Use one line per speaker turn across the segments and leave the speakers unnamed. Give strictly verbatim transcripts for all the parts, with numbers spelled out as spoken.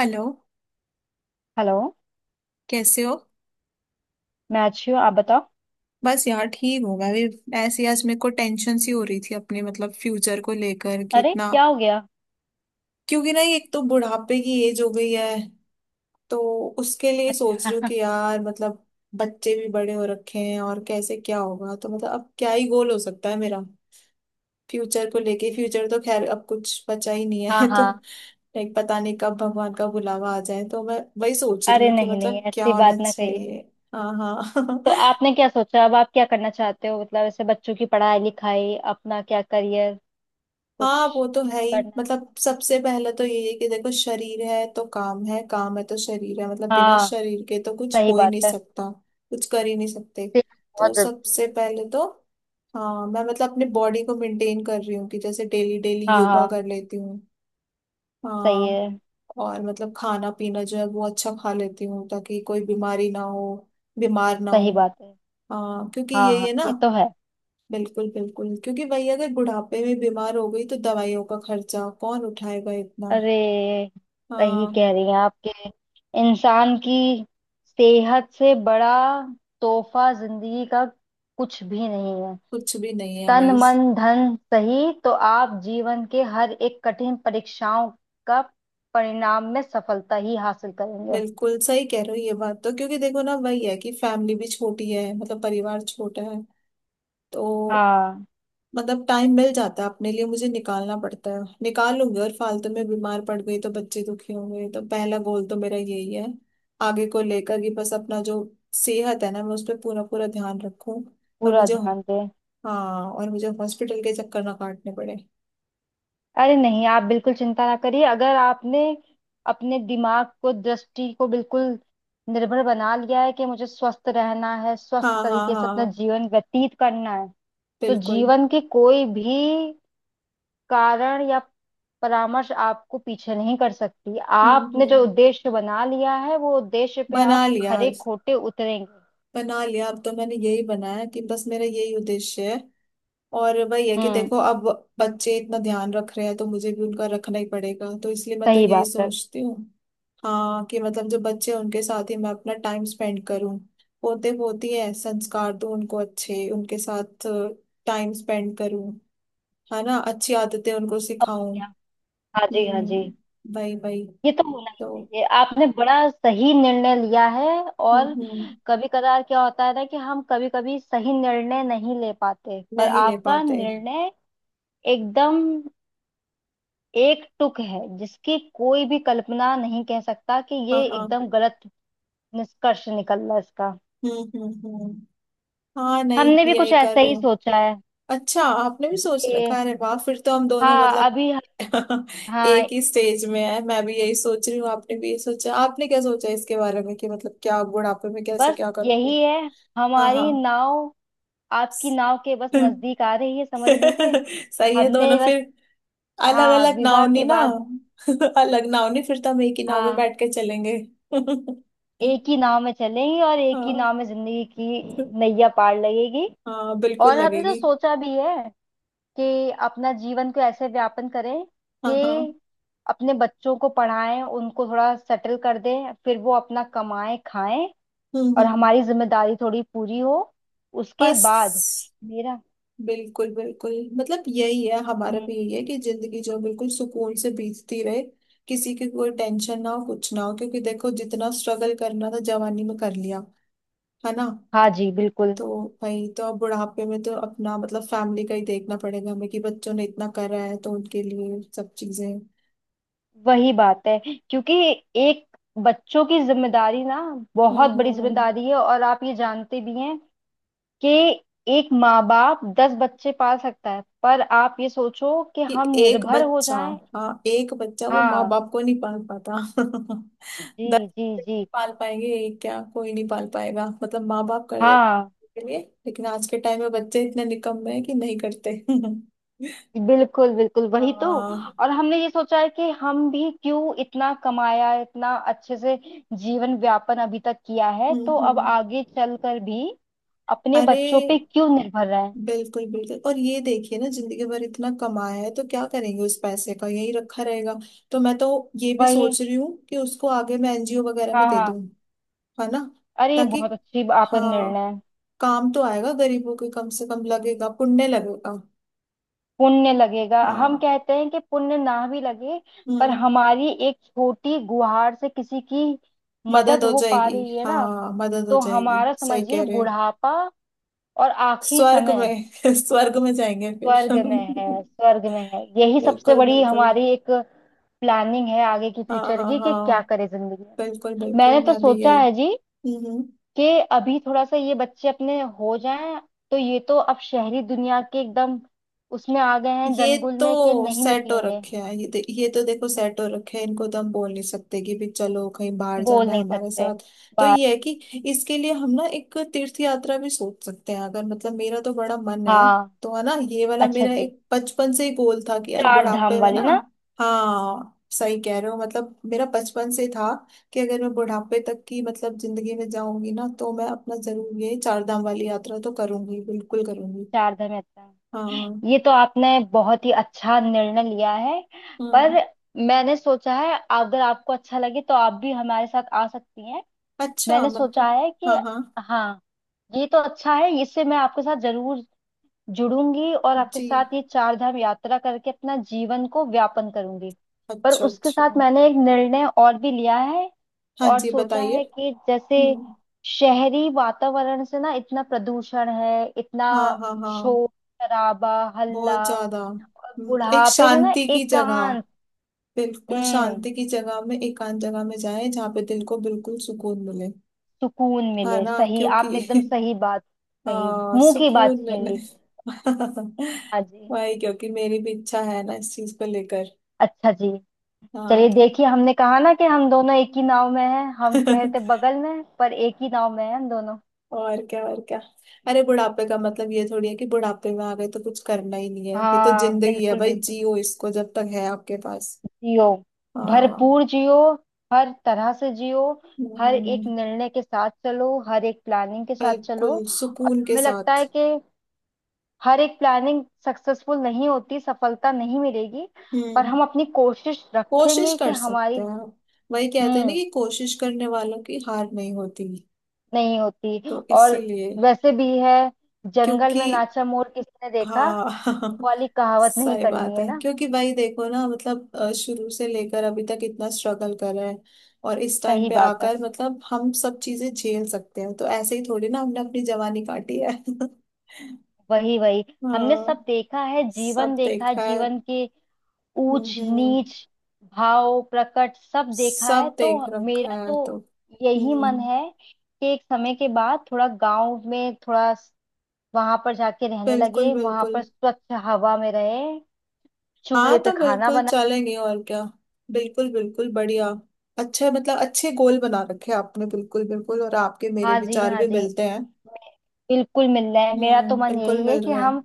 Hello.
Hello.
कैसे हो?
मैं अच्छी हूँ, आप बताओ।
बस यार, ठीक हूँ मैं भी। ऐसे ही आज मेरे को टेंशन सी हो रही थी अपने मतलब फ्यूचर को लेकर कि
अरे
इतना।
क्या हो गया?
क्योंकि ना एक तो बुढ़ापे की एज हो गई है। तो उसके लिए सोच
अच्छा।
रही हूँ कि यार मतलब बच्चे भी बड़े हो रखे हैं और कैसे क्या होगा। तो मतलब अब क्या ही गोल हो सकता है मेरा फ्यूचर को लेके। फ्यूचर तो खैर अब कुछ बचा ही नहीं
हाँ
है तो
हाँ।
लाइक पता नहीं कब भगवान का बुलावा आ जाए, तो मैं वही सोच रही
अरे
हूँ कि
नहीं नहीं
मतलब क्या
ऐसी
होना
बात ना कहिए।
चाहिए। हाँ। हाँ
तो आपने क्या सोचा, अब आप क्या करना चाहते हो? मतलब ऐसे बच्चों की पढ़ाई लिखाई, अपना क्या करियर, कुछ
हाँ वो तो है ही।
करना है।
मतलब सबसे पहले तो यही है कि देखो, शरीर है तो काम है, काम है तो शरीर है। मतलब बिना
हाँ,
शरीर के तो कुछ
सही
हो ही
बात
नहीं
है।
सकता। कुछ कर ही नहीं सकते।
सेहत
तो
बहुत जरूरी
सबसे
है।
पहले तो। हाँ मैं मतलब अपने बॉडी को मेंटेन कर रही हूँ कि जैसे डेली डेली
हाँ
योगा
हाँ,
कर लेती हूँ।
सही
हाँ।
है।
और मतलब खाना पीना जो है वो अच्छा खा लेती हूँ ताकि कोई बीमारी ना हो, बीमार ना
सही
हो।
बात है।
हाँ, क्योंकि
हाँ
यही
हाँ,
है ना।
ये तो है।
बिल्कुल बिल्कुल, क्योंकि वही अगर बुढ़ापे में बीमार हो गई तो दवाइयों का खर्चा कौन उठाएगा इतना।
अरे सही
हाँ।
कह रही हैं आपके। इंसान की सेहत से बड़ा तोहफा जिंदगी का कुछ भी नहीं है।
कुछ भी नहीं है
तन
वही।
मन धन सही तो आप जीवन के हर एक कठिन परीक्षाओं का परिणाम में सफलता ही हासिल करेंगे।
बिल्कुल सही कह रहे हो ये बात तो, क्योंकि देखो ना, वही है कि फैमिली भी छोटी है, मतलब परिवार छोटा है। तो
हाँ,
मतलब टाइम मिल जाता है अपने लिए, मुझे निकालना पड़ता है, निकाल लूंगी। और फालतू में बीमार पड़ गई तो बच्चे दुखी होंगे। तो पहला गोल तो मेरा यही है आगे को लेकर कि बस अपना जो सेहत है ना, मैं उस पर पूरा पूरा ध्यान रखूं। और
पूरा
मुझे।
ध्यान दें।
हाँ, और मुझे हॉस्पिटल के चक्कर ना काटने पड़े।
अरे नहीं, आप बिल्कुल चिंता ना करिए। अगर आपने अपने दिमाग को, दृष्टि को बिल्कुल निर्भर बना लिया है कि मुझे स्वस्थ रहना है, स्वस्थ
हाँ हाँ
तरीके से अपना
हाँ
जीवन व्यतीत करना है, तो
बिल्कुल।
जीवन के कोई भी कारण या परामर्श आपको पीछे नहीं कर सकती।
हम्म
आपने जो
हम्म।
उद्देश्य बना लिया है, वो उद्देश्य पे आप
बना लिया,
खरे खोटे उतरेंगे।
बना लिया, अब तो मैंने यही बनाया कि बस मेरा यही उद्देश्य है। और वही है कि
हम्म।
देखो, अब बच्चे इतना ध्यान रख रहे हैं तो मुझे भी उनका रखना ही पड़ेगा, तो इसलिए मैं तो
सही
यही
बात है।
सोचती हूँ। हाँ, कि मतलब जो बच्चे हैं उनके साथ ही मैं अपना टाइम स्पेंड करूँ। पोते पोती है, संस्कार दूँ उनको अच्छे, उनके साथ टाइम स्पेंड करूँ, है ना, अच्छी आदतें उनको
और
सिखाऊं।
क्या। हाँ जी, हाँ जी।
हम्म। भाई भाई।
ये तो होना ही
तो
चाहिए, आपने बड़ा सही निर्णय लिया है।
हम्म
और
हम्म।
कभी कदार क्या होता है ना कि हम कभी कभी सही निर्णय नहीं ले पाते, पर
नहीं ले
आपका
पाते।
निर्णय एकदम एक टुक है, जिसकी कोई भी कल्पना नहीं कह सकता कि
हाँ
ये
हाँ।
एकदम गलत निष्कर्ष निकल रहा है इसका।
हम्म हम्म हम्म। हाँ नहीं,
हमने भी
यही
कुछ
कर
ऐसा
रही
ही
हूँ।
सोचा है
अच्छा, आपने भी सोच
कि
रखा है? अरे वाह, फिर तो हम दोनों
हाँ,
मतलब
अभी हाँ,
एक ही स्टेज में है। मैं भी यही सोच रही हूँ, आपने भी यही सोचा। आपने क्या सोचा इसके बारे में कि मतलब क्या आप बुढ़ापे में कैसे
बस
क्या करोगे?
यही है
हाँ हाँ
हमारी नाव, आपकी नाव के बस नजदीक आ रही है, समझ लीजिए।
सही है दोनों
हमने बस
फिर। अलग
हाँ
अलग नाव
विवाह
नहीं
के
ना
बाद,
अलग नाव नहीं, फिर तो हम एक ही नाव में
हाँ,
बैठ के चलेंगे
एक ही नाव में चलेंगी और एक ही
हाँ
नाव में जिंदगी की नैया पार लगेगी।
हाँ बिल्कुल
और हमने तो
लगेगी।
सोचा भी है कि अपना जीवन को ऐसे व्यापन करें
हाँ हाँ।
कि अपने बच्चों को पढ़ाएं, उनको थोड़ा सेटल कर दें, फिर वो अपना कमाएं खाएं
हम्म
और
हम्म।
हमारी जिम्मेदारी थोड़ी पूरी हो। उसके बाद
बस।
मेरा
बिल्कुल बिल्कुल, मतलब यही है, हमारा भी
हम्म।
यही है कि जिंदगी जो बिल्कुल सुकून से बीतती रहे। किसी की कोई टेंशन ना हो, कुछ ना हो, क्योंकि देखो जितना स्ट्रगल करना था जवानी में कर लिया, है ना।
हाँ जी बिल्कुल।
तो भाई, तो अब बुढ़ापे में तो अपना मतलब फैमिली का ही देखना पड़ेगा हमें कि बच्चों ने इतना करा है तो उनके लिए सब चीजें।
वही बात है क्योंकि एक बच्चों की जिम्मेदारी ना,
हम्म
बहुत बड़ी
हम्म।
जिम्मेदारी है और आप ये जानते भी हैं कि एक माँ बाप दस बच्चे पाल सकता है, पर आप ये सोचो कि
कि
हम
एक
निर्भर हो
बच्चा।
जाएं।
हाँ एक बच्चा वो माँ
हाँ,
बाप को नहीं पाल पाता
जी
दस
जी
बच्चे
जी।
नहीं पाल पाएंगे, एक क्या कोई नहीं पाल पाएगा। मतलब माँ बाप कर देते
हाँ,
हैं के लिए। लेकिन आज के टाइम में बच्चे इतने निकम्मे हैं कि नहीं करते
बिल्कुल बिल्कुल वही तो।
हाँ।
और हमने ये सोचा है कि हम भी क्यों, इतना कमाया है, इतना अच्छे से जीवन व्यापन अभी तक किया है,
हम्म
तो अब
हम्म।
आगे चलकर भी अपने
अरे
बच्चों पे क्यों निर्भर रहें।
बिल्कुल बिल्कुल। और ये देखिए ना, जिंदगी भर इतना कमाया है तो क्या करेंगे उस पैसे का, यही रखा रहेगा। तो मैं तो ये भी
वही,
सोच रही हूँ कि उसको आगे मैं एन जी ओ वगैरह में
हाँ
दे
हाँ।
दूँ, है ना,
अरे ये
ताकि।
बहुत अच्छी आपका निर्णय
हाँ,
है।
काम तो आएगा गरीबों के कम से कम, लगेगा, पुण्य लगेगा।
पुण्य लगेगा। हम
हाँ।
कहते हैं कि पुण्य ना भी लगे, पर
हम्म।
हमारी एक छोटी गुहार से किसी की
मदद
मदद
हो
हो पा
जाएगी।
रही है ना।
हाँ मदद हो
तो
जाएगी,
हमारा
सही कह
समझिए
रहे हैं।
बुढ़ापा और आखिरी
स्वर्ग
समय
में स्वर्ग में जाएंगे फिर
स्वर्ग में है, स्वर्ग में है। यही सबसे
बिल्कुल
बड़ी
बिल्कुल।
हमारी एक प्लानिंग है आगे की,
हाँ
फ्यूचर
हाँ
की, कि
हाँ
क्या करे जिंदगी में।
बिल्कुल बिल्कुल,
मैंने तो
मैं भी
सोचा
यही।
है जी,
हम्म हम्म।
कि अभी थोड़ा सा ये बच्चे अपने हो जाएं। तो ये तो अब शहरी दुनिया के एकदम उसमें आ गए हैं,
ये
जंगल में कि
तो
नहीं
सेट हो
निकलेंगे।
रखे हैं ये दे, ये तो देखो सेट हो रखे हैं। इनको तो हम बोल नहीं सकते कि भी चलो कहीं बाहर
बोल
जाना है
नहीं
हमारे
सकते
साथ। तो
बात।
ये है कि इसके लिए हम ना एक तीर्थ यात्रा भी सोच सकते हैं अगर, मतलब मेरा तो बड़ा मन है।
हाँ,
तो है ना, ये वाला
अच्छा
मेरा
जी,
एक बचपन से ही गोल था कि यार
चार धाम
बुढ़ापे में ना।
वाली ना।
हाँ सही कह रहे हो, मतलब मेरा बचपन से था कि अगर मैं बुढ़ापे तक की मतलब जिंदगी में जाऊंगी ना, तो मैं अपना जरूर ये चार धाम वाली यात्रा तो करूंगी, बिल्कुल करूंगी।
चार धाम यात्रा
हाँ।
ये तो आपने बहुत ही अच्छा निर्णय लिया है।
हम्म।
पर मैंने सोचा है अगर आपको अच्छा लगे तो आप भी हमारे साथ आ सकती हैं।
अच्छा
मैंने सोचा
मतलब।
है
हाँ
कि
हाँ
हाँ, ये तो अच्छा है, इससे मैं आपके साथ जरूर जुड़ूंगी और आपके
जी।
साथ ये चार धाम यात्रा करके अपना जीवन को व्यापन करूंगी। पर
अच्छा
उसके साथ
अच्छा।
मैंने एक निर्णय और भी लिया है
हाँ
और
जी
सोचा
बताइए।
है कि जैसे
हम्म।
शहरी वातावरण से ना, इतना प्रदूषण है, इतना
हाँ हाँ हाँ,
शोर शराबा हल्ला,
बहुत ज्यादा।
और
हम्म, एक
बुढ़ापे में ना
शांति की जगह,
एकांत।
बिल्कुल
हम्म,
शांति की जगह में, एकांत जगह में जाए जहाँ पे दिल को बिल्कुल सुकून मिले,
सुकून
है
मिले।
ना,
सही
क्योंकि
आपने एकदम सही बात कही,
आ,
मुंह की बात
सुकून
छीन ली।
मिले
हाँ जी।
वही, क्योंकि मेरी भी इच्छा है ना इस चीज को लेकर।
अच्छा जी,
हाँ
चलिए
तो
देखिए, हमने कहा ना कि हम दोनों एक ही नाव में हैं। हम कह रहे थे बगल में, पर एक ही नाव में हैं हम दोनों।
और क्या, और क्या, अरे बुढ़ापे का मतलब ये थोड़ी है कि बुढ़ापे में आ गए तो कुछ करना ही नहीं है। ये तो
हाँ,
जिंदगी है
बिल्कुल
भाई,
बिल्कुल
जियो इसको जब तक है आपके पास।
जियो,
हाँ।
भरपूर जियो, हर तरह से जियो। हर एक
हम्म,
निर्णय के साथ चलो, हर एक प्लानिंग के साथ चलो।
बिल्कुल
और
सुकून के
हमें लगता
साथ।
है कि हर एक प्लानिंग सक्सेसफुल नहीं होती, सफलता नहीं मिलेगी, पर
हम्म।
हम अपनी कोशिश
कोशिश
रखेंगे कि
कर सकते
हमारी
हैं आप, वही कहते हैं ना
हम्म,
कि कोशिश करने वालों की हार नहीं होती,
नहीं होती।
तो
और
इसीलिए।
वैसे भी है, जंगल
क्योंकि।
में नाचा मोर किसने देखा,
हाँ
वो वाली कहावत नहीं
सही
करनी
बात
है
है,
ना।
क्योंकि भाई देखो ना मतलब अ, शुरू से लेकर अभी तक इतना स्ट्रगल कर रहे हैं। और इस टाइम
सही
पे
बात है।
आकर मतलब हम सब चीजें झेल सकते हैं। तो ऐसे ही थोड़ी ना हमने अपनी जवानी काटी है
वही वही, हमने
हाँ
सब देखा है, जीवन
सब
देखा है,
देखा है।
जीवन के
हम्म
ऊंच
हम्म।
नीच भाव प्रकट सब देखा है।
सब
तो
देख रखा
मेरा
है
तो
तो।
यही मन
हम्म
है कि एक समय के बाद थोड़ा गांव में, थोड़ा वहां पर जाके रहने
बिल्कुल
लगे, वहां
बिल्कुल।
पर स्वच्छ हवा में रहे,
हाँ
चूल्हे पे
तो
खाना
बिल्कुल
बना।
चलेंगे और क्या। बिल्कुल बिल्कुल बढ़िया। अच्छे, मतलब अच्छे गोल बना रखे हैं आपने, बिल्कुल बिल्कुल। और आपके मेरे
हाँ जी,
विचार
हाँ
भी
जी,
मिलते हैं।
बिल्कुल मिलना है। मेरा तो
हम्म
मन
बिल्कुल
यही है
मिल
कि
रहे
हम
हैं।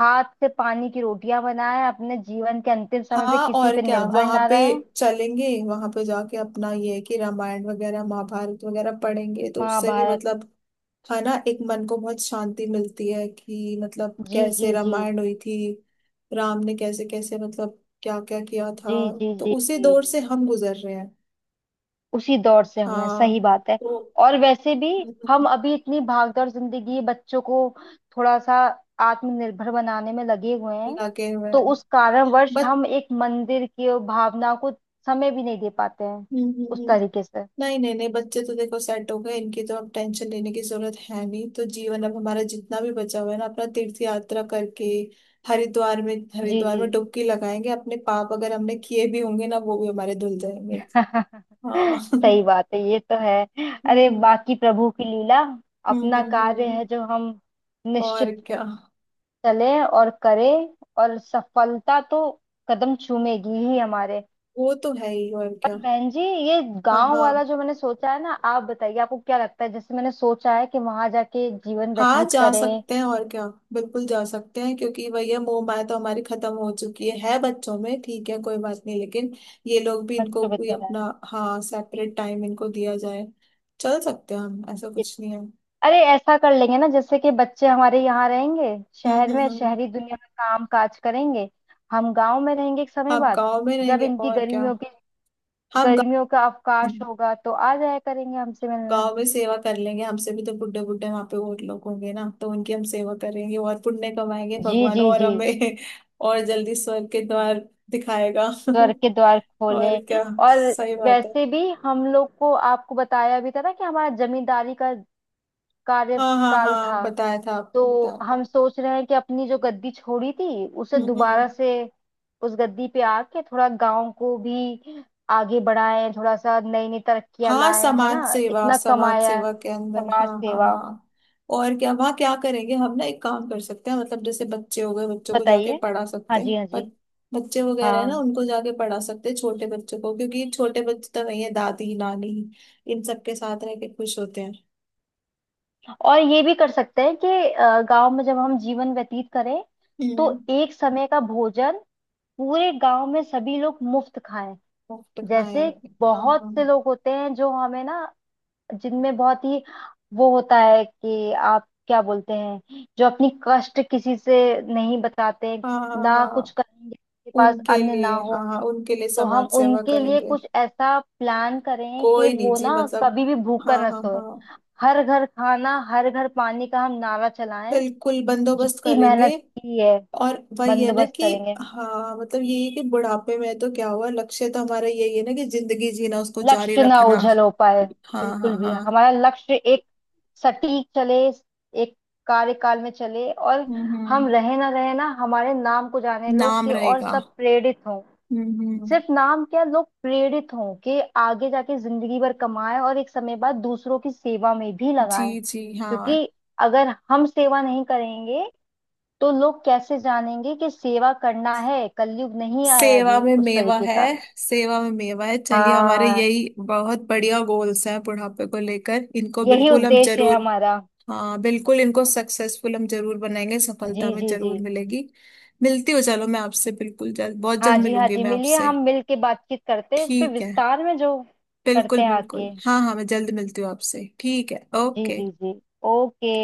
हाथ से पानी की रोटियां बनाएं, अपने जीवन के अंतिम समय पे
हाँ।
किसी
और
पे
क्या,
निर्भर
वहां
ना
पे
रहें।
चलेंगे, वहां पे जाके अपना ये है कि रामायण वगैरह महाभारत वगैरह पढ़ेंगे, तो उससे भी
महाभारत,
मतलब, है ना, एक मन को बहुत शांति मिलती है कि मतलब
जी
कैसे
जी जी,
रामायण हुई थी, राम ने कैसे कैसे मतलब क्या क्या किया था।
जी जी,
तो
जी
उसी
जी
दौर
जी।
से हम गुजर रहे हैं।
उसी दौर से हमें
हाँ
सही बात है।
तो।
और वैसे भी हम
हम्म,
अभी इतनी भागदौड़ जिंदगी बच्चों को थोड़ा सा आत्मनिर्भर बनाने में लगे हुए हैं,
लगे हुए
तो
हैं।
उस कारणवश
बट।
हम एक मंदिर की भावना को समय भी नहीं दे पाते हैं
हम्म हम्म।
उस
हम्म।
तरीके से।
नहीं नहीं नहीं, बच्चे तो देखो सेट हो गए, इनकी तो अब टेंशन लेने की जरूरत है नहीं। तो जीवन अब हमारा जितना भी बचा हुआ है ना, अपना तीर्थ यात्रा करके हरिद्वार में,
जी
हरिद्वार
जी।
में डुबकी लगाएंगे, अपने पाप अगर हमने किए भी होंगे ना वो भी हमारे धुल जाएंगे। हाँ हम्म
सही बात है, ये तो है। अरे बाकी प्रभु की लीला,
हम्म
अपना
हम्म
कार्य
हम्म।
है जो हम
और
निश्चित
क्या।
चले और करें, और सफलता तो कदम चूमेगी ही हमारे।
वो तो है ही, और
पर
क्या।
बहन जी, ये
हाँ
गांव वाला
हाँ
जो मैंने सोचा है ना, आप बताइए आपको क्या लगता है, जैसे मैंने सोचा है कि वहां जाके जीवन
हाँ
व्यतीत
जा
करें।
सकते हैं, और क्या। बिल्कुल जा सकते हैं, क्योंकि वही है, मोह माया तो हमारी खत्म हो चुकी है है बच्चों में। ठीक है कोई बात नहीं, लेकिन ये लोग भी, इनको
बच्चों
भी
बच्चों है,
अपना, हाँ, सेपरेट टाइम इनको दिया जाए, चल सकते हैं हम, ऐसा कुछ नहीं है।
अरे ऐसा कर लेंगे ना, जैसे कि बच्चे हमारे यहाँ रहेंगे,
हम्म
शहर
हम्म
में,
हम्म हम्म।
शहरी दुनिया में काम काज करेंगे, हम गांव में रहेंगे एक समय
आप
बाद।
गांव में
जब
रहेंगे,
इनकी
और क्या।
गर्मियों की,
हम गांव
गर्मियों का अवकाश होगा तो आ जाया करेंगे हमसे मिलने।
गांव में सेवा कर लेंगे, हमसे भी तो बुड्ढे बुड्ढे वहां पे और लोग होंगे ना, तो उनकी हम सेवा करेंगे और पुण्य कमाएंगे,
जी
भगवान
जी
और
जी।
हमें और जल्दी स्वर्ग के द्वार दिखाएगा
स्वर्ग के द्वार खोले।
और क्या,
और
सही बात है।
वैसे भी हम लोग को आपको बताया भी था ना कि हमारा जमींदारी का
हाँ हाँ
कार्यकाल
हाँ
था।
बताया था, आपको
तो
बताया
हम
था।
सोच रहे हैं कि अपनी जो गद्दी छोड़ी थी उसे
हम्म
दोबारा
हम्म।
से, उस गद्दी पे आके थोड़ा गांव को भी आगे बढ़ाएं, थोड़ा सा नई नई तरक्कियां
हाँ।
लाएं, है ना।
समाज सेवा,
इतना
समाज
कमाया है।
सेवा के अंदर, हाँ
समाज
हाँ
सेवा।
हाँ। और क्या, वहाँ क्या करेंगे हम? ना एक काम कर सकते हैं, मतलब जैसे बच्चे हो गए, बच्चों को जाके
बताइए।
पढ़ा
हाँ
सकते हैं
जी, हाँ
पर,
जी।
बच्चे वगैरह है ना
हाँ,
उनको जाके पढ़ा सकते हैं, छोटे बच्चों को, क्योंकि छोटे बच्चे तो वही है, दादी नानी इन सबके साथ रह के खुश होते हैं।
और ये भी कर सकते हैं कि गांव में जब हम जीवन व्यतीत करें, तो
हम्म।
एक समय का भोजन पूरे गांव में सभी लोग मुफ्त खाएं।
मुफ्त खाए।
जैसे
हाँ
बहुत
हाँ
से लोग होते हैं जो हमें ना, जिनमें बहुत ही वो होता है कि आप क्या बोलते हैं, जो अपनी कष्ट किसी से नहीं बताते,
हाँ हाँ
ना कुछ
हाँ
करेंगे के पास
उनके
अन्न
लिए,
ना हो।
हाँ हाँ, उनके लिए
तो हम
समाज सेवा
उनके लिए
करेंगे।
कुछ ऐसा प्लान करें कि
कोई नहीं
वो
जी,
ना
मतलब।
कभी भी भूखा
हाँ
न
हाँ
सोए।
हाँ
हर घर खाना, हर घर पानी का हम नारा चलाएं।
बिल्कुल बंदोबस्त
जितनी
करेंगे।
मेहनत की है,
और वही है ना
बंदोबस्त
कि,
करेंगे।
हाँ, मतलब यही है कि बुढ़ापे में तो क्या हुआ, लक्ष्य तो हमारा यही है ना कि जिंदगी जीना, उसको जारी
लक्ष्य ना
रखना।
ओझल हो पाए,
हाँ
बिल्कुल
हाँ
भी।
हाँ।
हमारा लक्ष्य एक सटीक चले, एक कार्यकाल में चले, और
हम्म हम्म।
हम रहे ना रहे, ना हमारे नाम को जाने लोग
नाम
के और
रहेगा।
सब प्रेरित हों।
हम्म हम्म।
सिर्फ नाम क्या, लोग प्रेरित हों कि आगे जाके जिंदगी भर कमाएं और एक समय बाद दूसरों की सेवा में भी
जी
लगाएं,
जी हाँ।
क्योंकि अगर हम सेवा नहीं करेंगे तो लोग कैसे जानेंगे कि सेवा करना है। कलयुग नहीं आया
सेवा
अभी
में
उस
मेवा
तरीके
है,
का।
सेवा में मेवा है, चलिए हमारे
हाँ,
यही बहुत बढ़िया गोल्स हैं बुढ़ापे को लेकर, इनको
यही
बिल्कुल हम
उद्देश्य है
जरूर,
हमारा।
हाँ बिल्कुल इनको सक्सेसफुल हम जरूर बनाएंगे,
जी
सफलता में
जी जी।
जरूर मिलेगी। मिलती हूँ, चलो मैं आपसे बिल्कुल जल्द, बहुत
हाँ
जल्द
जी, हाँ
मिलूंगी
जी,
मैं
मिलिए,
आपसे,
हम मिल के बातचीत करते हैं इस पे
ठीक है,
विस्तार में, जो
बिल्कुल
करते हैं
बिल्कुल,
आके।
हाँ हाँ, मैं जल्द मिलती हूँ आपसे। ठीक है।
जी
ओके।
जी जी। ओके।